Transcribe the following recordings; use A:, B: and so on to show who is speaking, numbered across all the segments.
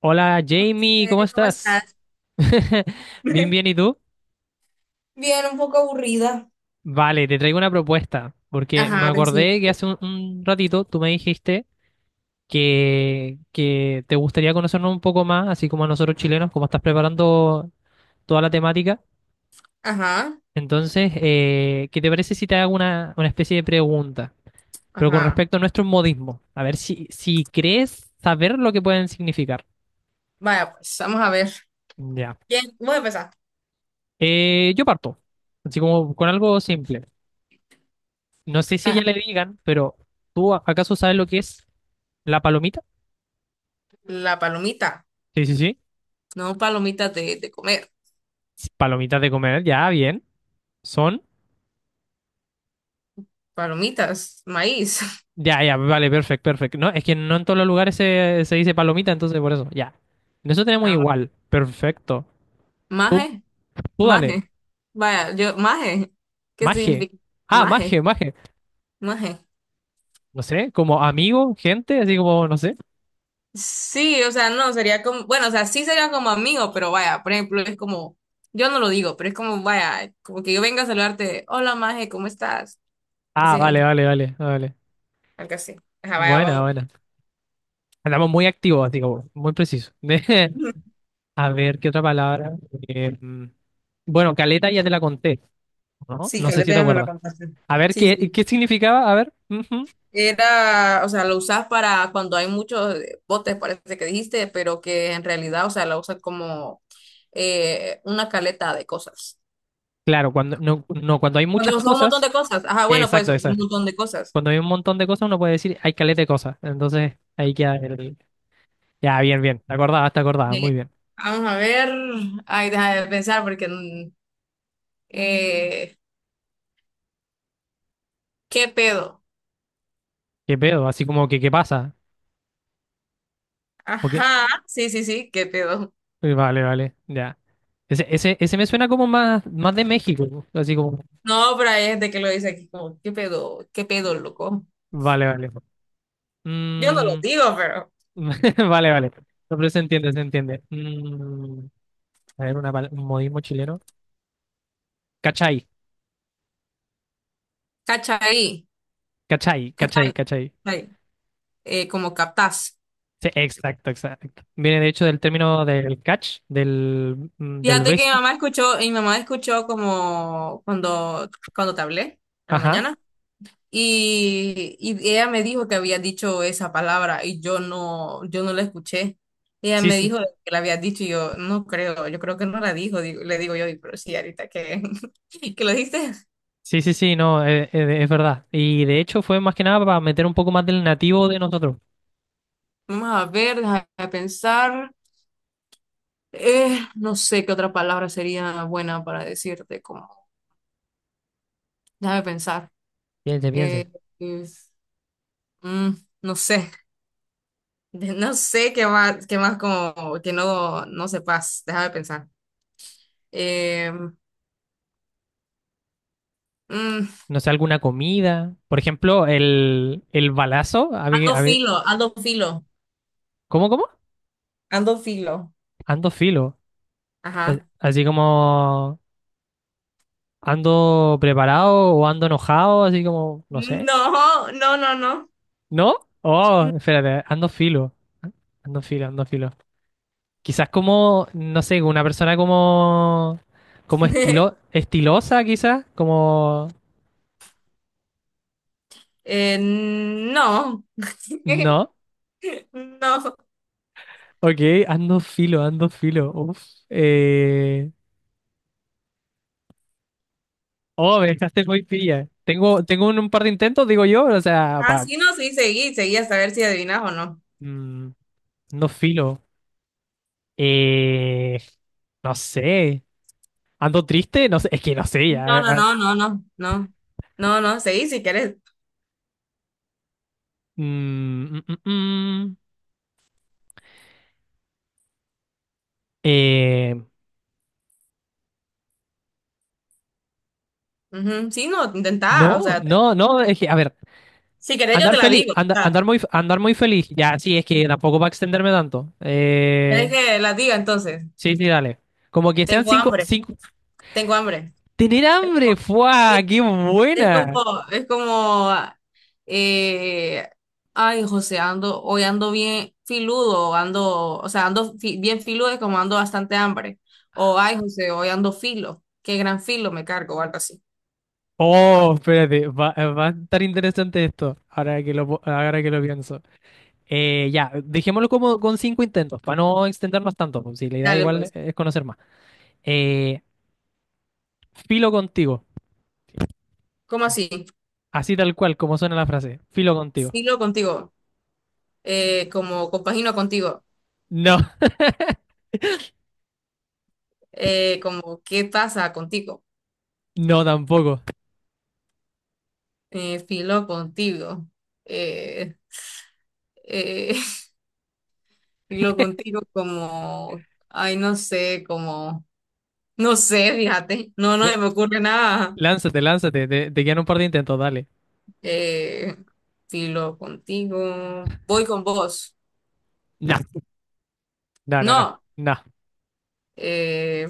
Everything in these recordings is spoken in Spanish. A: Hola Jamie, ¿cómo
B: José, ¿cómo
A: estás?
B: estás?
A: Bien,
B: Bien,
A: bien, ¿y tú?
B: un poco aburrida.
A: Vale, te traigo una propuesta, porque me
B: Ajá, te siento.
A: acordé que hace un ratito tú me dijiste que te gustaría conocernos un poco más, así como a nosotros chilenos, como estás preparando toda la temática.
B: Ajá,
A: Entonces, ¿qué te parece si te hago una especie de pregunta? Pero con
B: ajá.
A: respecto a nuestros modismos, a ver si crees saber lo que pueden significar.
B: Vaya, pues vamos a ver.
A: Ya.
B: ¿Quién? Voy a empezar.
A: Yo parto, así como con algo simple. No sé si a ella
B: Ajá.
A: le digan, pero ¿tú acaso sabes lo que es la palomita?
B: La palomita.
A: Sí, sí, sí.
B: No, palomitas de comer.
A: Palomitas de comer, ya, bien. Son.
B: Palomitas, maíz.
A: Ya, ya, vale, perfecto, perfecto. No, es que no en todos los lugares se dice palomita, entonces por eso, ya. En eso tenemos
B: Ah,
A: igual. Perfecto. Tú,
B: maje,
A: tú dale.
B: maje. Vaya, yo, maje. ¿Qué
A: Maje.
B: significa?
A: Ah,
B: Maje,
A: maje, maje.
B: maje.
A: No sé, como amigo, gente, así como, no sé.
B: Sí, o sea, no, sería como, bueno, o sea, sí sería como amigo, pero vaya, por ejemplo, es como, yo no lo digo, pero es como, vaya, como que yo venga a saludarte, hola, maje, ¿cómo estás?
A: Ah, vale,
B: Sí,
A: vale, vale, vale.
B: algo así. Ajá, vaya,
A: Buena,
B: vamos.
A: buena. Andamos muy activos, así como, muy preciso. A ver, ¿qué otra palabra? Eh, mm, bueno, caleta ya te la conté. No,
B: Sí,
A: no
B: que
A: sé
B: le
A: si te
B: me la
A: acuerdas.
B: contaste.
A: A ver,
B: Sí,
A: ¿qué, qué
B: sí.
A: significaba? A ver. Ujú.
B: Era, o sea, lo usas para cuando hay muchos botes, parece que dijiste, pero que en realidad, o sea, la usas como una caleta de cosas.
A: Claro, cuando, no, no, cuando hay muchas
B: Cuando son un montón
A: cosas.
B: de cosas. Ajá, bueno, pues
A: Exacto,
B: un
A: exacto.
B: montón de cosas.
A: Cuando hay un montón de cosas, uno puede decir, hay caleta de cosas. Entonces, ahí queda el... Ya, bien, bien. Te acordabas, te acordabas.
B: Eh,
A: Muy bien.
B: Vamos a ver. Ay, deja de pensar porque eh, ¿qué pedo?
A: ¿Qué pedo? Así como que, ¿qué pasa? ¿O qué?
B: Ajá, sí, sí, sí, ¿qué pedo?
A: Vale, vale. Ya. Ese me suena como más, más de México. Así como...
B: No, pero hay gente que lo dice aquí como, ¿qué pedo? ¿Qué pedo, loco?
A: Vale, vale.
B: Yo no lo
A: Mm.
B: digo, pero.
A: Vale, vale. No, pero se entiende, se entiende. A ver, una, un modismo chileno. Cachai,
B: ¿Cachai?
A: cachai, cachai,
B: ¿Cachai?
A: cachai.
B: ¿Cachai? Como captás.
A: Sí, exacto, exacto. Viene de hecho del término del catch, del del
B: Fíjate que mi
A: béisbol.
B: mamá escuchó, y mi mamá escuchó como cuando te hablé en la
A: Ajá.
B: mañana. Y ella me dijo que había dicho esa palabra y yo no la escuché. Ella
A: Sí,
B: me
A: sí.
B: dijo que la había dicho y yo no creo, yo creo que no la dijo, le digo yo, "Di, pero sí, ahorita que, que lo dijiste.
A: Sí, sí, sí, no, es verdad. Y de hecho fue más que nada para meter un poco más del nativo de nosotros.
B: Vamos a ver, déjame pensar. No sé qué otra palabra sería buena para decirte. Déjame pensar.
A: Piense, piense.
B: Eh, es- mm, no sé. No sé qué más como que no sepas. Déjame pensar. Eh, mm,
A: No sé, alguna comida. Por ejemplo, el balazo.
B: Ando filo, ando filo,
A: ¿Cómo, cómo?
B: ando filo.
A: Ando filo.
B: Ajá.
A: Así como ando preparado o ando enojado, así como, no sé.
B: No, no, no, no.
A: ¿No? Oh, espérate, ando filo. Ando filo, ando filo. Quizás como, no sé, una persona como, como estilo, estilosa, quizás, como,
B: No.
A: no,
B: No.
A: ok, ando filo, uf, eh, oh, me dejaste muy pilla, tengo, tengo un par de intentos, digo yo, o sea, pa,
B: Así no, sí, seguí, seguí hasta ver si adivinas o no.
A: mm, no filo, eh, no sé, ando triste, no sé, es que no sé, ya,
B: No, no, no, no, no, no. No, no, seguí si querés.
A: mm, mm, mm, mm, eh,
B: Ujú, sí, no,
A: no,
B: intentá, o sea,
A: no, no, es que, a ver,
B: si querés, yo
A: Andar
B: te la
A: feliz,
B: digo. O sea,
A: andar muy feliz. Ya, sí, es que tampoco va a extenderme tanto.
B: ¿querés que la diga entonces?
A: Sí, sí, dale. Como que sean
B: Tengo
A: cinco,
B: hambre,
A: cinco.
B: tengo hambre.
A: Tener
B: Es
A: hambre,
B: como,
A: ¡fua!
B: sí,
A: ¡Qué
B: es como,
A: buena!
B: es como, eh, ay, José, ando, hoy ando bien filudo, ando, o sea, ando bien filudo, es como ando bastante hambre. O, ay, José, hoy ando filo, qué gran filo me cargo, o algo así.
A: Oh, espérate, va, va a estar interesante esto. Ahora que ahora que lo pienso. Ya, dejémoslo como con cinco intentos, para no extendernos tanto. Pues, si la idea
B: Dale,
A: igual
B: pues,
A: es conocer más. Eh, Filo contigo.
B: ¿cómo así?
A: Así tal cual, como suena la frase. Filo contigo.
B: Filo contigo, como compagino contigo,
A: No,
B: como qué pasa contigo.
A: no tampoco.
B: Filo contigo. Eh, eh, filo contigo como, ay, no sé, como, no sé, fíjate, no se me ocurre nada.
A: Lánzate, lánzate, te quedan un par de intentos, dale.
B: Eh, Filo contigo, voy con vos.
A: No, no, no, no,
B: No,
A: no,
B: eh,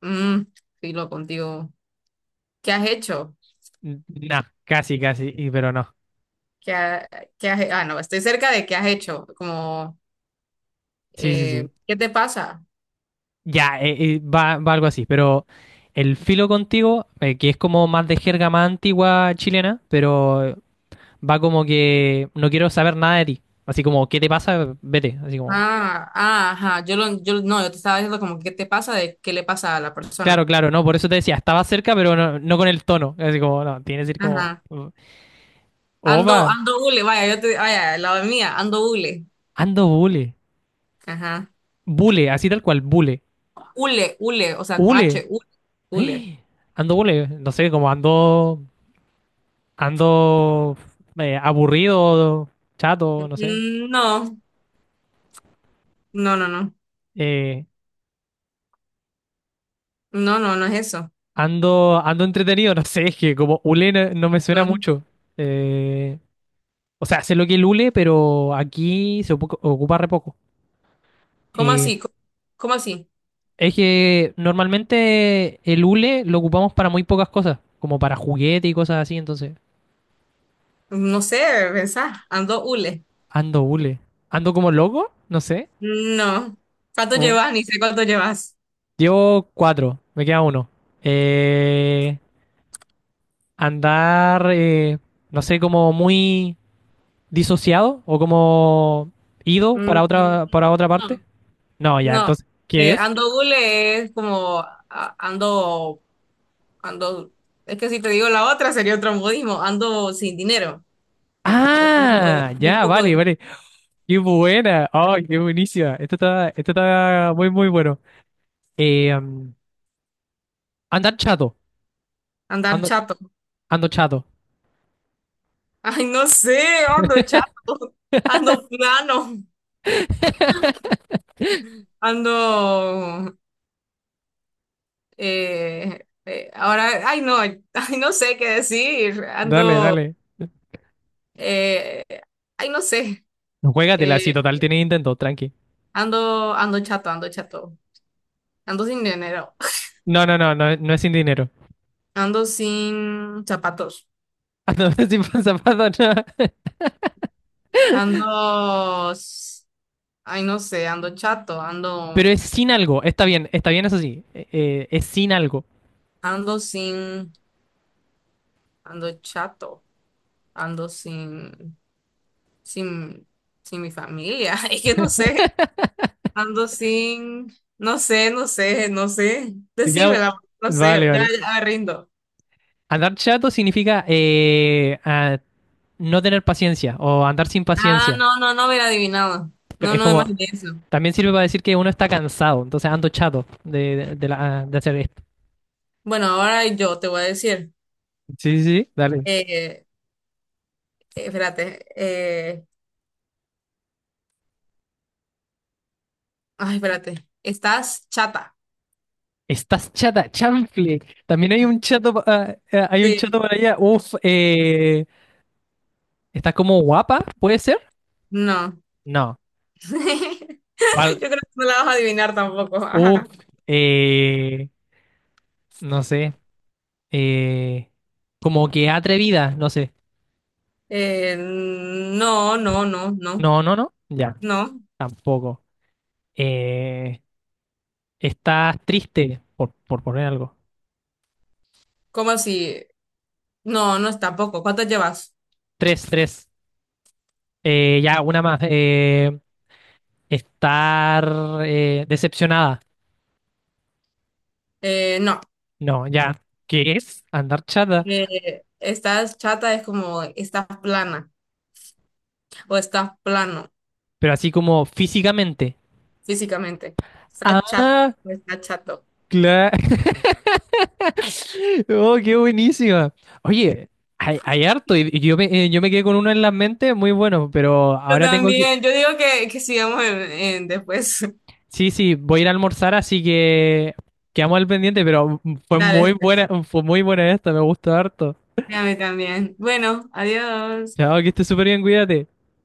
B: mm, filo contigo. ¿Qué has hecho?
A: no, casi, casi, pero no.
B: ¿Qué, ha- qué has, ah, no, estoy cerca de qué has hecho. Como,
A: Sí, sí, sí.
B: ¿qué te pasa?
A: Ya, va, va algo así, pero el filo contigo, que es como más de jerga más antigua chilena, pero va como que no quiero saber nada de ti. Así como, ¿qué te pasa? Vete, así como.
B: Ah, ah, ajá, yo lo, yo no, yo te estaba diciendo como qué te pasa, de qué le pasa a la
A: Claro,
B: persona.
A: claro, no, por eso te decía, estaba cerca, pero no, no con el tono. Así como, no, tiene que decir como,
B: Ajá. Ando,
A: opa,
B: ando hule, vaya, yo te, vaya, la mía, ando hule.
A: ando bule.
B: Ajá.
A: Bule, así tal cual, bule.
B: Hule, hule, o sea, con
A: Ule.
B: H, hule. Hule.
A: ¡Eh! Ando, no sé, como ando, ando aburrido, chato, no sé.
B: Mm, no, no, no, no.
A: Eh,
B: No, no, no es eso.
A: Ando, ando entretenido, no sé, es que como hule no, no me suena
B: No.
A: mucho. Eh, o sea, sé lo que es el hule, pero aquí se ocupa re poco.
B: ¿Cómo
A: Eh,
B: así? ¿Cómo, cómo así?
A: es que normalmente el hule lo ocupamos para muy pocas cosas, como para juguete y cosas así, entonces
B: No sé, pensá, ando hule.
A: ando hule. Ando como loco, no sé.
B: No. ¿Cuánto llevas? Ni sé cuánto llevas.
A: Llevo cuatro, me queda uno. Eh, Andar, no sé, como muy disociado o como ido para
B: Mm,
A: para otra parte.
B: no,
A: No, ya,
B: no.
A: entonces, ¿qué es?
B: Ando hule es como ando, es que si te digo la otra sería otro modismo, ando sin dinero. O ando,
A: Ah,
B: no
A: ya,
B: poco de
A: vale, vale. Qué buena. Ay, qué buenísima. Esto está muy, muy bueno. Eh, um, Andar chato.
B: andar
A: Ando,
B: chato.
A: ando chato.
B: Ay, no sé, ando chato, ando plano, ando. Ahora, ay, no sé qué decir,
A: Dale,
B: ando.
A: dale.
B: eh, Ay, no sé,
A: No, juégatela, si
B: eh,
A: total tienes intento, tranqui.
B: ando chato, ando chato, ando sin dinero,
A: No, no, no, no, no es sin dinero.
B: ando sin zapatos,
A: Ando sin pasapato, no.
B: ando. Ay, no sé, ando chato,
A: Pero
B: ando,
A: es sin algo. Está bien, eso sí. Es sin algo.
B: ando sin, ando chato, ando sin. sin, sin mi familia. Es que no sé, ando sin, no sé, no sé, no sé.
A: Ya-
B: Decímela, no
A: vale,
B: sé, ya,
A: vale.
B: ya me rindo.
A: Andar chato significa no tener paciencia o andar sin
B: Ah,
A: paciencia.
B: no, no, no hubiera adivinado. No,
A: Es
B: no,
A: como,
B: imaginé eso.
A: también sirve para decir que uno está cansado, entonces ando chato de hacer esto.
B: Bueno, ahora yo te voy a decir,
A: Sí, sí, sí, dale.
B: eh, espérate, ay, espérate, ¿estás chata?
A: Estás chata, chanfle. También hay un chato, hay un chato
B: Sí,
A: para allá. Uf, ¿estás como guapa? ¿Puede ser?
B: no.
A: No. ¿Cuál?
B: Yo creo que no la vas a adivinar tampoco.
A: Uf,
B: Ajá.
A: eh, no sé. Eh, Como que atrevida, no sé.
B: No, no, no, no,
A: No, no, no. Ya,
B: no.
A: tampoco. Eh, Estás triste, por poner algo.
B: ¿Cómo así? No, no es tampoco. ¿Cuántas llevas?
A: Tres, tres. Ya, una más. Estar decepcionada.
B: No.
A: No, ya. ¿Qué es? Andar chata.
B: Estás chata es como estás plana o estás plano
A: Pero así como físicamente.
B: físicamente. Estás chata
A: Ah,
B: o estás chato.
A: claro. Oh, qué buenísima. Oye, hay harto. Y yo me quedé con uno en la mente muy bueno, pero
B: Yo
A: ahora tengo que...
B: también. Yo digo que sigamos en después.
A: Sí, sí, voy a ir a almorzar, así que quedamos al pendiente, pero
B: Dale, pues.
A: fue muy buena esta, me gustó harto.
B: A mí también. Bueno, adiós.
A: Chao, que estés súper bien, cuídate.